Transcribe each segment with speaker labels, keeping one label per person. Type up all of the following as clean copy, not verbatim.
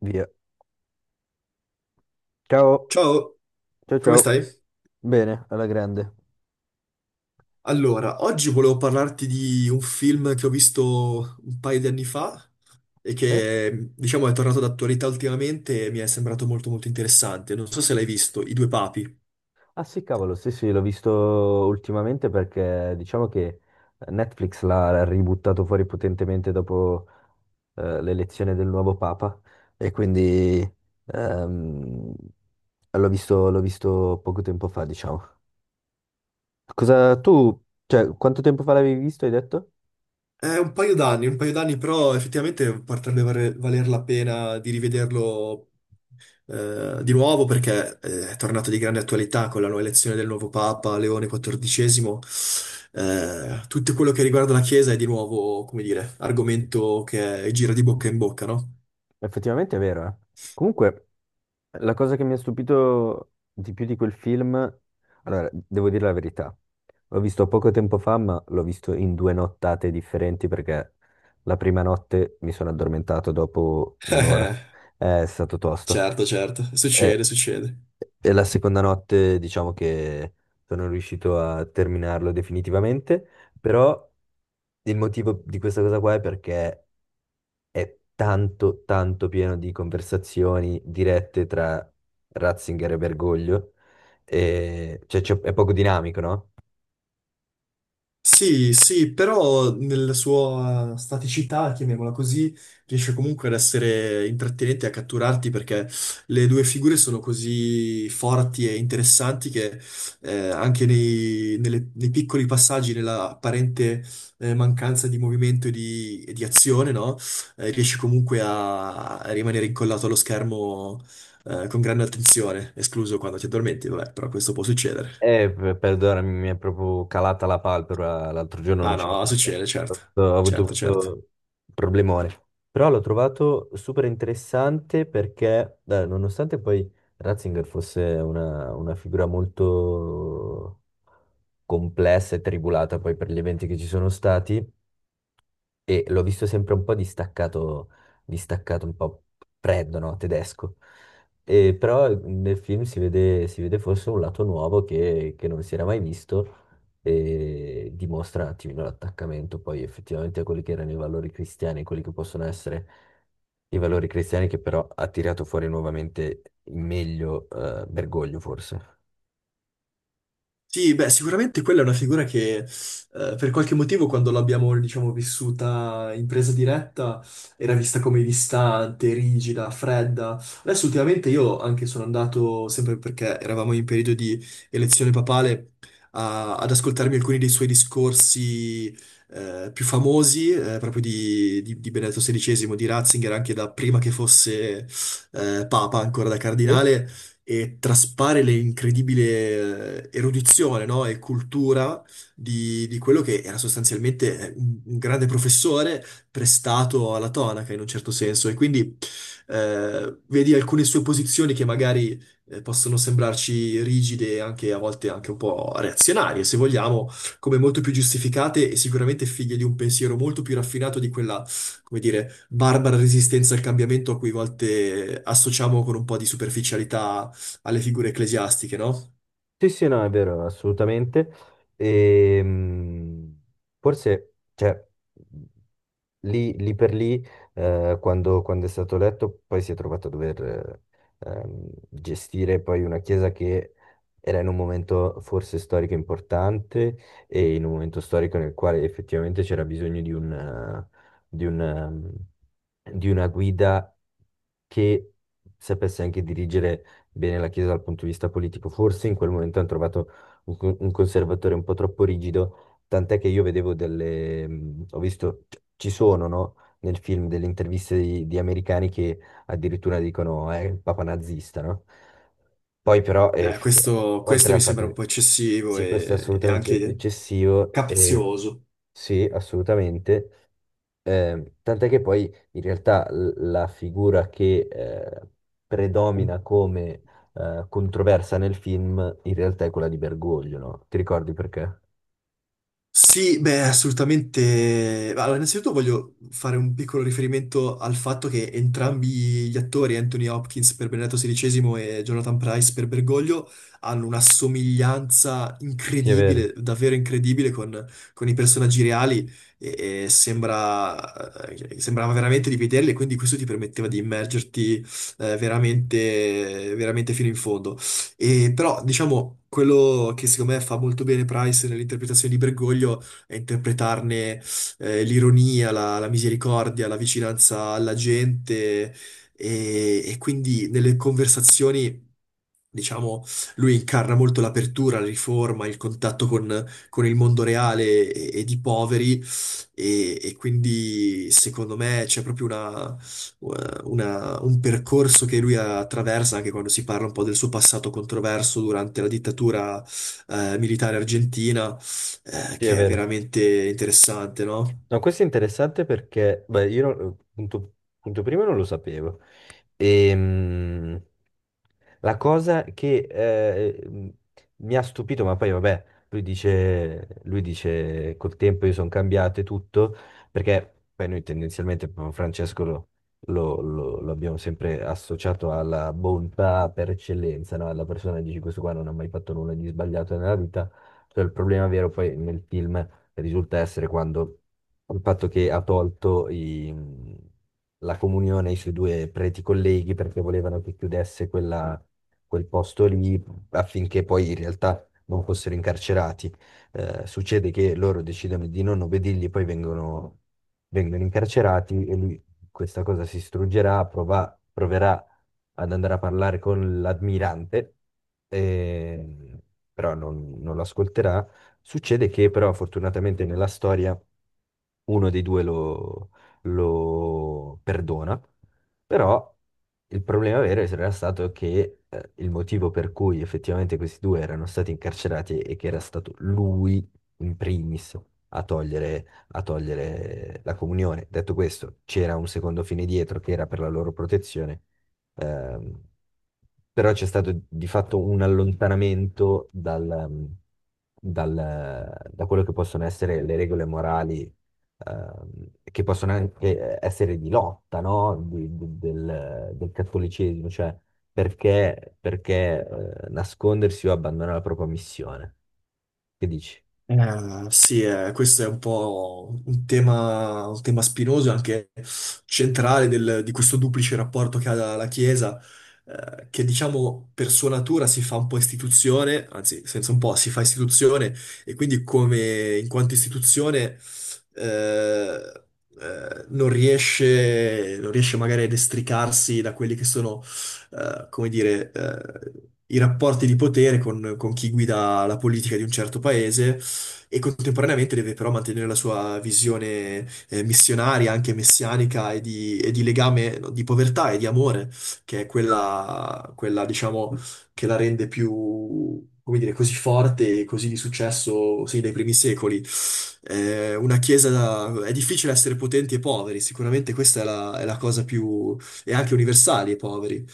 Speaker 1: Via. Ciao,
Speaker 2: Ciao,
Speaker 1: ciao,
Speaker 2: come
Speaker 1: ciao.
Speaker 2: stai?
Speaker 1: Bene, alla grande.
Speaker 2: Allora, oggi volevo parlarti di un film che ho visto un paio di anni fa e
Speaker 1: Sì?
Speaker 2: che, diciamo, è tornato d'attualità ultimamente e mi è sembrato molto molto interessante. Non so se l'hai visto, I Due Papi.
Speaker 1: Ah sì, cavolo, sì, sì, l'ho visto ultimamente perché diciamo che Netflix l'ha ributtato fuori potentemente dopo l'elezione del nuovo Papa e quindi ehm, l'ho visto poco tempo fa, diciamo. Cosa tu, cioè, quanto tempo fa l'avevi visto, hai detto?
Speaker 2: È un paio d'anni, però effettivamente potrebbe valer la pena di rivederlo di nuovo perché è tornato di grande attualità con la nuova elezione del nuovo Papa Leone XIV. Tutto quello che riguarda la Chiesa è di nuovo, come dire, argomento che gira di bocca in bocca, no?
Speaker 1: Effettivamente è vero, eh. Comunque, la cosa che mi ha stupito di più di quel film, allora, devo dire la verità, l'ho visto poco tempo fa, ma l'ho visto in due nottate differenti perché la prima notte mi sono addormentato dopo un'ora. È stato tosto.
Speaker 2: Certo, certo, succede,
Speaker 1: E,
Speaker 2: succede.
Speaker 1: e la seconda notte, diciamo che sono riuscito a terminarlo definitivamente, però il motivo di questa cosa qua è perché è tanto, tanto pieno di conversazioni dirette tra Ratzinger e Bergoglio, e, cioè, è poco dinamico, no?
Speaker 2: Sì, sì, però nella sua staticità, chiamiamola così, riesce comunque ad essere intrattenente e a catturarti perché le due figure sono così forti e interessanti che anche nei piccoli passaggi, nella apparente mancanza di movimento e di azione, no? Riesce comunque a rimanere incollato allo schermo con grande attenzione, escluso quando ti addormenti, vabbè, però questo può succedere.
Speaker 1: Perdonami, mi è proprio calata la palpebra, l'altro giorno non
Speaker 2: Ah
Speaker 1: ce l'ho
Speaker 2: no,
Speaker 1: fatta,
Speaker 2: succede, certo,
Speaker 1: ho avuto
Speaker 2: certo, certo.
Speaker 1: questo problemone, però l'ho trovato super interessante perché, nonostante poi Ratzinger fosse una figura molto complessa e tribulata poi per gli eventi che ci sono stati, e l'ho visto sempre un po' distaccato, distaccato un po' freddo, no? Tedesco. E però nel film si vede forse un lato nuovo che non si era mai visto e dimostra un attimino l'attaccamento poi effettivamente a quelli che erano i valori cristiani, quelli che possono essere i valori cristiani che però ha tirato fuori nuovamente il meglio, Bergoglio forse.
Speaker 2: Sì, beh, sicuramente quella è una figura che per qualche motivo quando l'abbiamo, diciamo, vissuta in presa diretta era vista come distante, rigida, fredda. Adesso ultimamente io anche sono andato, sempre perché eravamo in periodo di elezione papale, ad ascoltarmi alcuni dei suoi discorsi più famosi, proprio di Benedetto XVI, di Ratzinger, anche da prima che fosse papa, ancora da
Speaker 1: Sì.
Speaker 2: cardinale, e traspare l'incredibile erudizione, no? E cultura di quello che era sostanzialmente un grande professore prestato alla tonaca in un certo senso. E quindi vedi alcune sue posizioni che magari possono sembrarci rigide e anche a volte anche un po' reazionarie, se vogliamo, come molto più giustificate e sicuramente figlie di un pensiero molto più raffinato di quella, come dire, barbara resistenza al cambiamento a cui a volte associamo con un po' di superficialità alle figure ecclesiastiche, no?
Speaker 1: Sì, sì, no, è vero, assolutamente. Ehm, forse, cioè, lì, lì per lì, quando è stato eletto, poi si è trovato a dover gestire poi una chiesa che era in un momento forse storico importante e in un momento storico nel quale effettivamente c'era bisogno di di una guida che sapesse anche dirigere bene la Chiesa dal punto di vista politico. Forse in quel momento hanno trovato un conservatore un po' troppo rigido, tant'è che io vedevo delle, ho visto, ci sono, no? Nel film delle interviste di americani che addirittura dicono è il papa nazista, no? Poi però, effettivamente, oltre
Speaker 2: Questo mi
Speaker 1: al fatto
Speaker 2: sembra un
Speaker 1: che
Speaker 2: po' eccessivo
Speaker 1: sì, questo è
Speaker 2: e
Speaker 1: assolutamente
Speaker 2: anche
Speaker 1: eccessivo,
Speaker 2: capzioso.
Speaker 1: sì, assolutamente, tant'è che poi in realtà la figura che predomina come controversa nel film in realtà è quella di Bergoglio, no? Ti ricordi perché?
Speaker 2: Sì, beh, assolutamente. Allora, innanzitutto voglio fare un piccolo riferimento al fatto che entrambi gli attori, Anthony Hopkins per Benedetto XVI e Jonathan Price per Bergoglio, hanno una somiglianza
Speaker 1: Sì, è vero,
Speaker 2: incredibile, davvero incredibile con i personaggi reali e sembrava veramente di vederli e quindi questo ti permetteva di immergerti veramente fino in fondo. E però, diciamo, quello che secondo me fa molto bene Price nell'interpretazione di Bergoglio è interpretarne l'ironia, la misericordia, la vicinanza alla gente e quindi nelle conversazioni, diciamo, lui incarna molto l'apertura, la riforma, il contatto con il mondo reale e di poveri e quindi secondo me c'è proprio una un percorso che lui attraversa anche quando si parla un po' del suo passato controverso durante la dittatura militare argentina,
Speaker 1: sì, è
Speaker 2: che è
Speaker 1: vero.
Speaker 2: veramente interessante, no?
Speaker 1: No, questo è interessante perché, beh, io non- punto, punto primo non lo sapevo. Ehm, la cosa che mi ha stupito, ma poi vabbè, lui dice col tempo io sono cambiato e tutto, perché poi noi tendenzialmente proprio Francesco lo abbiamo sempre associato alla bontà per eccellenza, no? Alla persona che dici questo qua non ha mai fatto nulla di sbagliato nella vita, cioè il problema vero poi nel film risulta essere quando il fatto che ha tolto i- la comunione ai suoi due preti colleghi perché volevano che chiudesse quel posto lì affinché poi in realtà non fossero incarcerati. Succede che loro decidono di non obbedirgli, poi vengono incarcerati e lui questa cosa si struggerà, proverà ad andare a parlare con l'ammirante, eh, però non lo ascolterà. Succede che però fortunatamente nella storia uno dei due lo, lo perdona, però il problema vero era stato che il motivo per cui effettivamente questi due erano stati incarcerati e che era stato lui in primis a togliere, a togliere la comunione. Detto questo, c'era un secondo fine dietro che era per la loro protezione. Ehm, però c'è stato di fatto un allontanamento dal- da quello che possono essere le regole morali, che possono anche essere di lotta, no? Del cattolicesimo, cioè perché, perché, nascondersi o abbandonare la propria missione? Che dici?
Speaker 2: Sì, questo è un po' un tema spinoso e anche centrale di questo duplice rapporto che ha la Chiesa, che diciamo per sua natura si fa un po' istituzione, anzi, senza un po', si fa istituzione e quindi come in quanto istituzione eh, non riesce, non riesce magari ad estricarsi da quelli che sono, come dire, i rapporti di potere con chi guida la politica di un certo paese e contemporaneamente deve però mantenere la sua visione missionaria, anche messianica e di legame, no, di povertà e di amore, che è quella, quella, diciamo, che la rende più, come dire, così forte e così di successo, sì, dai primi secoli. Una è difficile essere potenti e poveri, sicuramente questa è è la cosa più, e anche universali e poveri.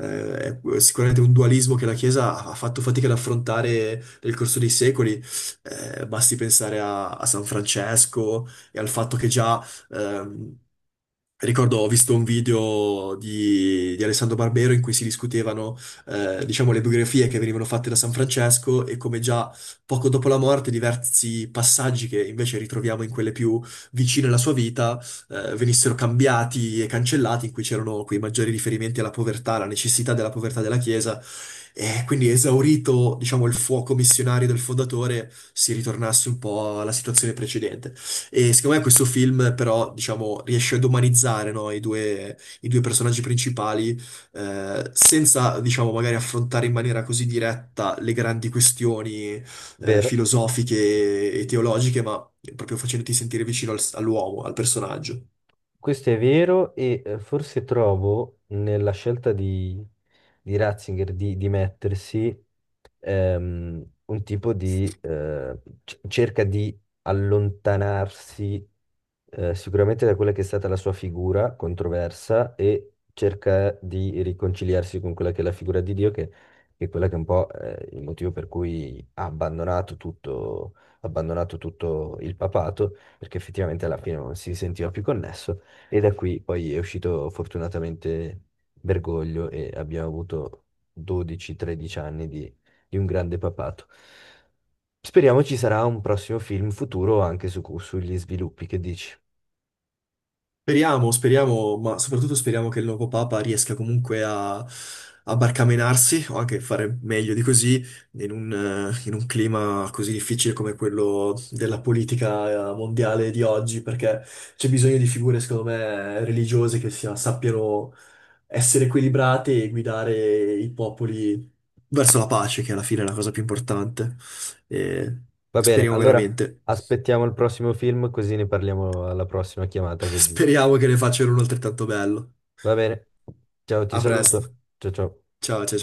Speaker 2: Eh, è sicuramente un dualismo che la Chiesa ha fatto fatica ad affrontare nel corso dei secoli, basti pensare a San Francesco e al fatto che già, ehm, ricordo, ho visto un video di Alessandro Barbero in cui si discutevano, diciamo, le biografie che venivano fatte da San Francesco e come già poco dopo la morte diversi passaggi che invece ritroviamo in quelle più vicine alla sua vita, venissero cambiati e cancellati, in cui c'erano quei maggiori riferimenti alla povertà, alla necessità della povertà della Chiesa. E quindi esaurito, diciamo, il fuoco missionario del fondatore, si ritornasse un po' alla situazione precedente. E secondo me questo film, però, diciamo, riesce ad umanizzare, no, i due personaggi principali, senza, diciamo, magari affrontare in maniera così diretta le grandi questioni,
Speaker 1: Vero?
Speaker 2: filosofiche e teologiche, ma proprio facendoti sentire vicino all'uomo, al personaggio.
Speaker 1: Questo è vero e forse trovo nella scelta di Ratzinger di mettersi un tipo di... cerca di allontanarsi sicuramente da quella che è stata la sua figura controversa e cerca di riconciliarsi con quella che è la figura di Dio, che è quella che è un po' il motivo per cui ha abbandonato tutto il papato, perché effettivamente alla fine non si sentiva più connesso. E da qui poi è uscito fortunatamente Bergoglio e abbiamo avuto 12-13 anni di un grande papato. Speriamo ci sarà un prossimo film futuro anche su, sugli sviluppi, che dici?
Speaker 2: Speriamo, speriamo, ma soprattutto speriamo che il nuovo Papa riesca comunque a barcamenarsi o anche fare meglio di così in un clima così difficile come quello della politica mondiale di oggi, perché c'è bisogno di figure, secondo me, religiose che sappiano essere equilibrate e guidare i popoli verso la pace, che alla fine è la cosa più importante. E
Speaker 1: Va bene,
Speaker 2: speriamo
Speaker 1: allora
Speaker 2: veramente,
Speaker 1: aspettiamo il prossimo film così ne parliamo alla prossima chiamata, che dici?
Speaker 2: speriamo che ne facciano uno altrettanto bello.
Speaker 1: Va bene, ciao, ti
Speaker 2: A presto.
Speaker 1: saluto, ciao ciao.
Speaker 2: Ciao, ciao.